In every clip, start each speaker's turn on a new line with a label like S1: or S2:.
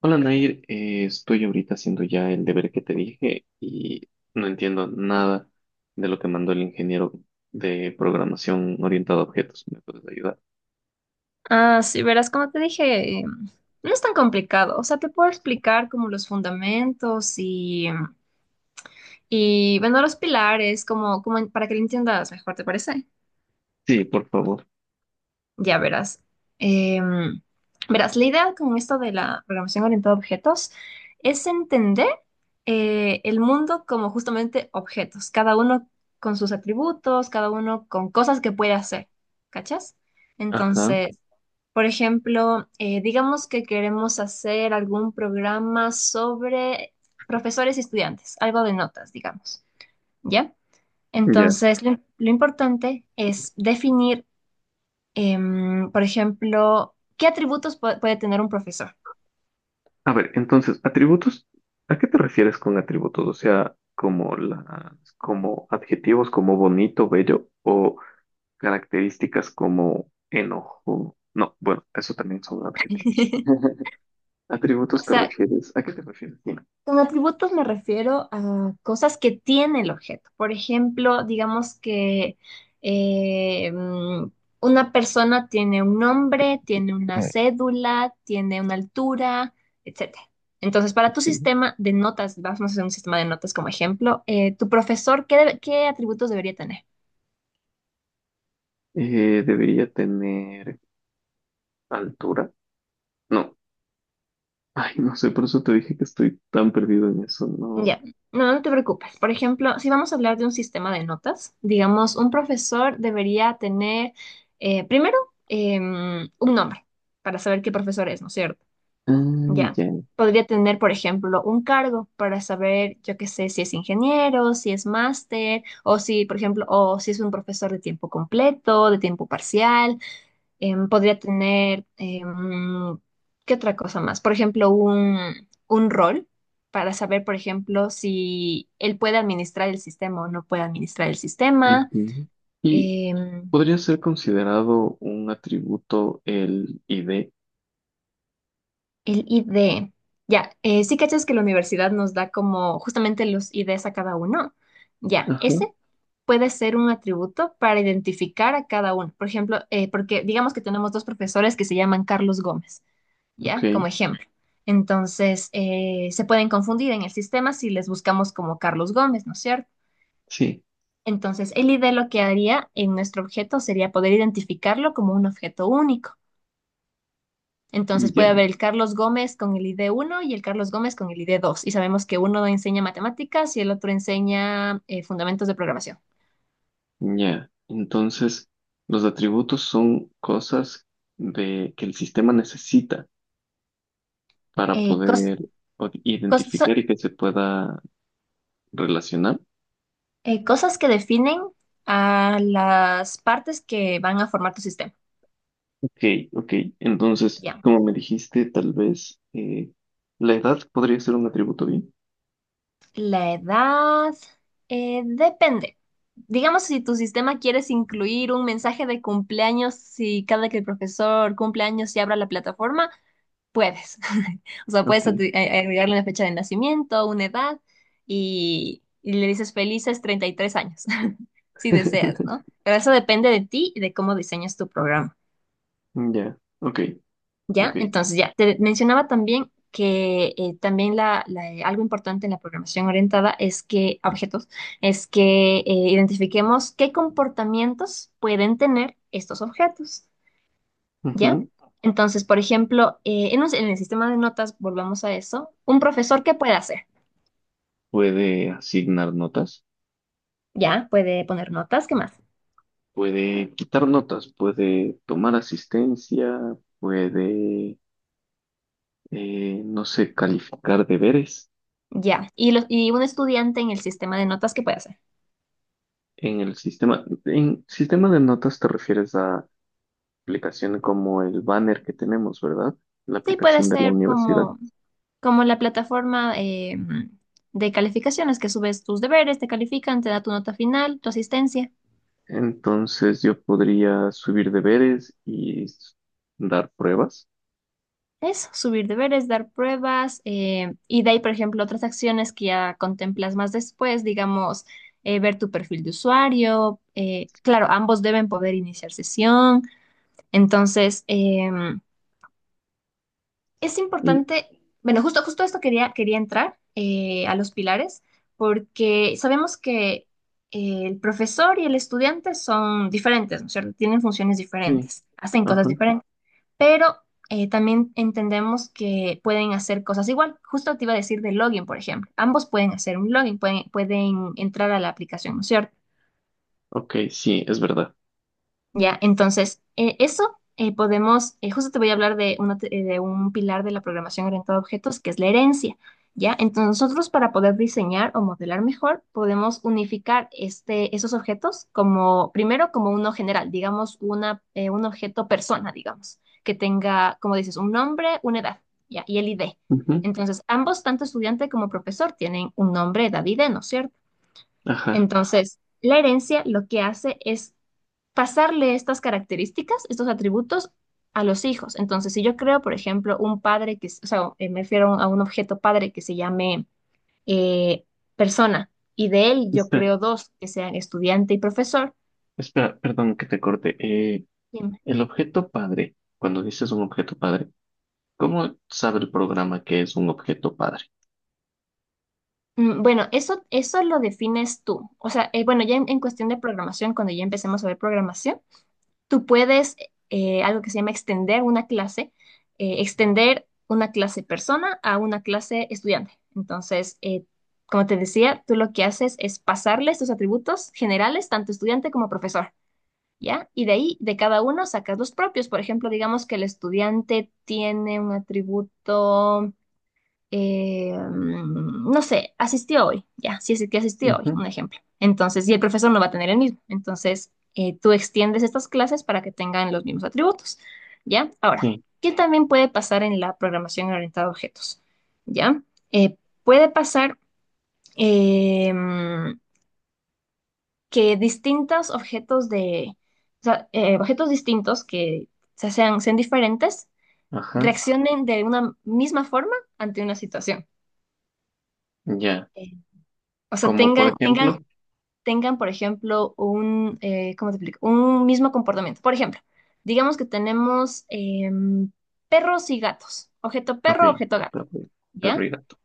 S1: Hola Nair, estoy ahorita haciendo ya el deber que te dije y no entiendo nada de lo que mandó el ingeniero de programación orientado a objetos. ¿Me puedes ayudar?
S2: Ah, sí, verás, como te dije, no es tan complicado. O sea, te puedo explicar como los fundamentos y bueno, los pilares, como para que lo entiendas mejor, ¿te parece?
S1: Sí, por favor.
S2: Ya verás. Em, Verás, la idea con esto de la programación orientada a objetos es entender el mundo como justamente objetos, cada uno con sus atributos, cada uno con cosas que puede hacer, ¿cachas?
S1: Ajá,
S2: Entonces. Por ejemplo, digamos que queremos hacer algún programa sobre profesores y estudiantes, algo de notas, digamos, ¿ya?
S1: ya.
S2: Entonces, lo importante es definir, por ejemplo, qué atributos puede tener un profesor.
S1: A ver, entonces, atributos, ¿a qué te refieres con atributos? O sea, como las, como adjetivos como bonito, bello o características como enojo. No, bueno, eso también son adjetivos.
S2: O
S1: ¿Atributos te
S2: sea,
S1: refieres? ¿A qué te refieres? Dime.
S2: con atributos me refiero a cosas que tiene el objeto. Por ejemplo, digamos que eh, mm, una persona tiene un nombre, tiene una cédula, tiene una altura, etcétera. Entonces, para tu
S1: Eh,
S2: sistema de notas, vamos a hacer un sistema de notas como ejemplo, tu profesor, ¿qué atributos debería tener?
S1: debería tener altura. No. Ay, no sé, por eso te dije que estoy tan perdido en eso. No.
S2: Ya, no, no te preocupes. Por ejemplo, si vamos a hablar de un sistema de notas, digamos, un profesor debería tener primero un nombre para saber qué profesor es, ¿no es cierto?
S1: Ah,
S2: Ya.
S1: ya.
S2: Podría tener, por ejemplo, un cargo para saber, yo qué sé, si es ingeniero, si es máster, o si, por ejemplo, o si es un profesor de tiempo completo, de tiempo parcial. Podría tener, ¿qué otra cosa más? Por ejemplo, un rol para saber, por ejemplo, si él puede administrar el sistema o no puede administrar el sistema.
S1: Ujú. Y
S2: Em,
S1: podría ser considerado un atributo el ID.
S2: el ID. Ya, sí cachas que la universidad nos da como justamente los IDs a cada uno. Ya,
S1: Ajá.
S2: ese puede ser un atributo para identificar a cada uno. Por ejemplo, porque digamos que tenemos dos profesores que se llaman Carlos Gómez.
S1: Ok.
S2: ¿Ya? Como ejemplo. Entonces, se pueden confundir en el sistema si les buscamos como Carlos Gómez, ¿no es cierto?
S1: Sí.
S2: Entonces, el ID lo que haría en nuestro objeto sería poder identificarlo como un objeto único. Entonces, puede haber
S1: Ya.
S2: el Carlos Gómez con el ID uno y el Carlos Gómez con el ID dos. Y sabemos que uno enseña matemáticas y el otro enseña fundamentos de programación.
S1: Ya. Entonces, los atributos son cosas de que el sistema necesita para
S2: Eh, cos-
S1: poder o-
S2: cos-
S1: identificar y que se pueda relacionar.
S2: Cosas que definen a las partes que van a formar tu sistema.
S1: Ok, ok. Entonces,
S2: Ya.
S1: como me dijiste, tal vez la edad podría ser un atributo bien.
S2: La edad depende. Digamos, si tu sistema quieres incluir un mensaje de cumpleaños, si cada que el profesor cumpleaños y abra la plataforma, puedes. O sea,
S1: Ok.
S2: agregarle una fecha de nacimiento, una edad y le dices felices 33 años, si deseas, ¿no? Pero eso depende de ti y de cómo diseñas tu programa.
S1: Ya, ok,
S2: ¿Ya?
S1: ok.
S2: Entonces, ya, te mencionaba también que también algo importante en la programación orientada es que, a objetos, es que identifiquemos qué comportamientos pueden tener estos objetos, ¿ya?
S1: Ujú.
S2: Entonces, por ejemplo, en el sistema de notas, volvamos a eso, un profesor, ¿qué puede hacer?
S1: Puede asignar notas,
S2: ¿Ya? Puede poner notas, ¿qué más?
S1: puede quitar notas, puede tomar asistencia, puede, no sé, calificar deberes
S2: Ya. Y un estudiante en el sistema de notas, ¿qué puede hacer?
S1: en el sistema. En sistema de notas te refieres a aplicaciones como el banner que tenemos, ¿verdad? La
S2: Sí, puede
S1: aplicación de la
S2: ser
S1: universidad.
S2: como la plataforma de calificaciones, que subes tus deberes, te califican, te da tu nota final, tu asistencia.
S1: Entonces yo podría subir deberes y s- dar pruebas.
S2: Eso, subir deberes, dar pruebas, y de ahí, por ejemplo, otras acciones que ya contemplas más después, digamos, ver tu perfil de usuario. Claro, ambos deben poder iniciar sesión. Entonces, es
S1: Y,
S2: importante, bueno, justo esto quería entrar a los pilares, porque sabemos que el profesor y el estudiante son diferentes, ¿no es cierto? Tienen funciones
S1: sí,
S2: diferentes, hacen cosas
S1: ajá,
S2: diferentes, pero también entendemos que pueden hacer cosas igual. Justo te iba a decir de login, por ejemplo. Ambos pueden hacer un login, pueden entrar a la aplicación, ¿no es cierto?
S1: ok, sí, es verdad.
S2: Ya, entonces, eso podemos, justo te voy a hablar de, de un pilar de la programación orientada a objetos, que es la herencia. Ya, entonces nosotros para poder diseñar o modelar mejor, podemos unificar este, esos objetos como, primero como uno general, digamos, un objeto persona, digamos, que tenga, como dices, un nombre, una edad, ya, y el ID.
S1: Ujú,
S2: Entonces, ambos, tanto estudiante como profesor, tienen un nombre, edad, ID, ¿no es cierto?
S1: ajá.
S2: Entonces, la herencia lo que hace es pasarle estas características, estos atributos a los hijos. Entonces, si yo creo, por ejemplo, un padre o sea, me refiero a un objeto padre que se llame eh, persona, y de él yo
S1: Espera,
S2: creo dos que sean estudiante y profesor.
S1: espera, perdón que te corte.
S2: Dime.
S1: El objeto padre, cuando dices un objeto padre, ¿cómo sabe el programa que es un objeto padre?
S2: Bueno, eso lo defines tú. O sea, bueno, ya en cuestión de programación, cuando ya empecemos a ver programación, tú puedes, algo que se llama extender una clase persona a una clase estudiante. Entonces, como te decía, tú lo que haces es pasarle estos atributos generales, tanto estudiante como profesor, ¿ya? Y de ahí, de cada uno, sacas los propios. Por ejemplo, digamos que el estudiante tiene un atributo no sé, asistió hoy, ya, si es que asistió hoy,
S1: Ujú,
S2: un ejemplo. Entonces, y el profesor no va a tener el mismo. Entonces, tú extiendes estas clases para que tengan los mismos atributos, ¿ya? Ahora,
S1: sí,
S2: ¿qué también puede pasar en la programación orientada a objetos? ¿Ya? Eh, Puede pasar eh, mm, que distintos objetos o sea, objetos distintos que sean diferentes,
S1: ajá,
S2: reaccionen de una misma forma ante una situación.
S1: ya.
S2: Eh, O sea,
S1: Como por
S2: tengan, tengan,
S1: ejemplo,
S2: tengan, por ejemplo, ¿cómo te explico? Un mismo comportamiento. Por ejemplo, digamos que tenemos perros y gatos. Objeto
S1: ok,
S2: perro, objeto gato.
S1: perro perro
S2: ¿Ya?
S1: y gato.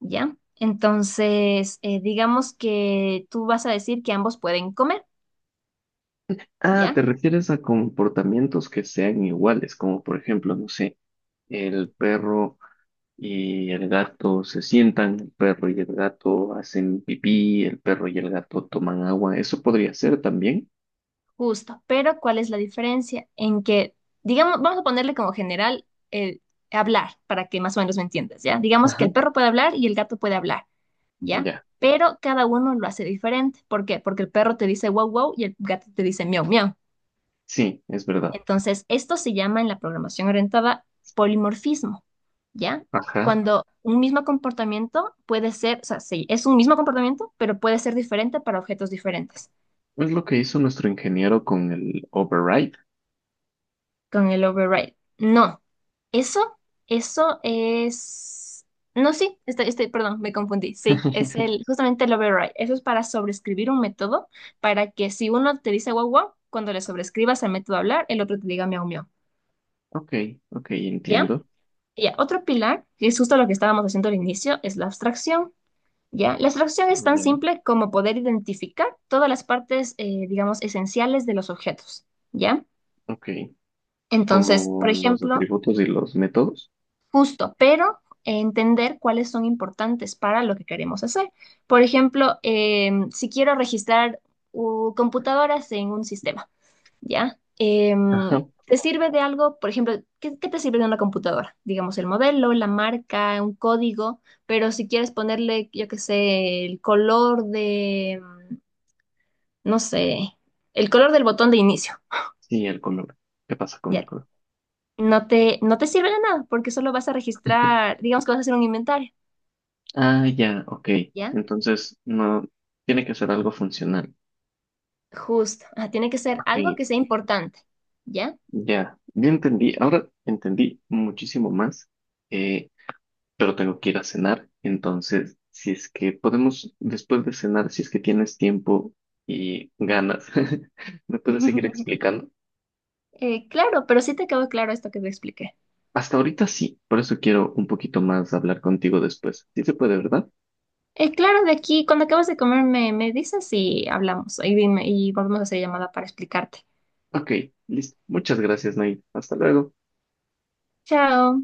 S2: ¿Ya? Entonces, digamos que tú vas a decir que ambos pueden comer,
S1: Ah, ¿te
S2: ¿ya?
S1: refieres a comportamientos que sean iguales? Como por ejemplo, no sé, el perro. Y el gato se sientan, el perro y el gato hacen pipí, el perro y el gato toman agua. Eso podría ser también.
S2: Justo, pero ¿cuál es la diferencia? En que, digamos, vamos a ponerle como general el hablar, para que más o menos me entiendas, ¿ya? Digamos que el
S1: Ajá.
S2: perro puede hablar y el gato puede hablar, ¿ya?
S1: Ya,
S2: Pero cada uno lo hace diferente. ¿Por qué? Porque el perro te dice wow, wow y el gato te dice miau, miau.
S1: sí, es verdad.
S2: Entonces, esto se llama en la programación orientada polimorfismo, ¿ya?
S1: Ajá.
S2: Cuando un mismo comportamiento puede ser, o sea, sí, es un mismo comportamiento, pero puede ser diferente para objetos diferentes.
S1: Es lo que hizo nuestro ingeniero con el override.
S2: Con el override. No, eso, eso es. No, sí, estoy, perdón, me confundí. Sí, es justamente el override. Eso es para sobreescribir un método para que si uno te dice guau guau, cuando le sobreescribas al método hablar, el otro te diga miau miau.
S1: Ok, ok,
S2: ¿Ya?
S1: entiendo.
S2: Ya, otro pilar, que es justo lo que estábamos haciendo al inicio, es la abstracción. ¿Ya? La abstracción es tan
S1: Ya.
S2: simple como poder identificar todas las partes, digamos, esenciales de los objetos. ¿Ya?
S1: Ok,
S2: Entonces, por
S1: como los
S2: ejemplo,
S1: atributos y los métodos.
S2: justo, pero entender cuáles son importantes para lo que queremos hacer. Por ejemplo, si quiero registrar computadoras en un sistema, ¿ya? Em,
S1: Ajá.
S2: ¿Te sirve de algo? Por ejemplo, ¿qué te sirve de una computadora? Digamos, el modelo, la marca, un código, pero si quieres ponerle, yo qué sé, el color de, no sé, el color del botón de inicio,
S1: Sí, el color. ¿Qué pasa con el
S2: ¿ya?
S1: color?
S2: No te sirve de nada porque solo vas a registrar, digamos que vas a hacer un inventario.
S1: Ah, ya, ok.
S2: ¿Ya?
S1: Entonces, no, tiene que ser algo funcional.
S2: Justo, ah, tiene que ser
S1: Ok,
S2: algo que sea importante, ¿ya?
S1: ya, ya entendí. Ahora entendí muchísimo más, eh, pero tengo que ir a cenar. Entonces, si es que podemos, después de cenar, si es que tienes tiempo y ganas, ¿me puedes seguir explicando?
S2: Claro, pero sí te quedó claro esto que te expliqué.
S1: Hasta ahorita sí, por eso quiero un poquito más hablar contigo después. Sí se puede, ¿verdad?
S2: Claro, de aquí, cuando acabas de comer, me dices y hablamos y volvemos a hacer llamada para explicarte.
S1: Ok, listo. Muchas gracias, Nay. Hasta luego.
S2: Chao.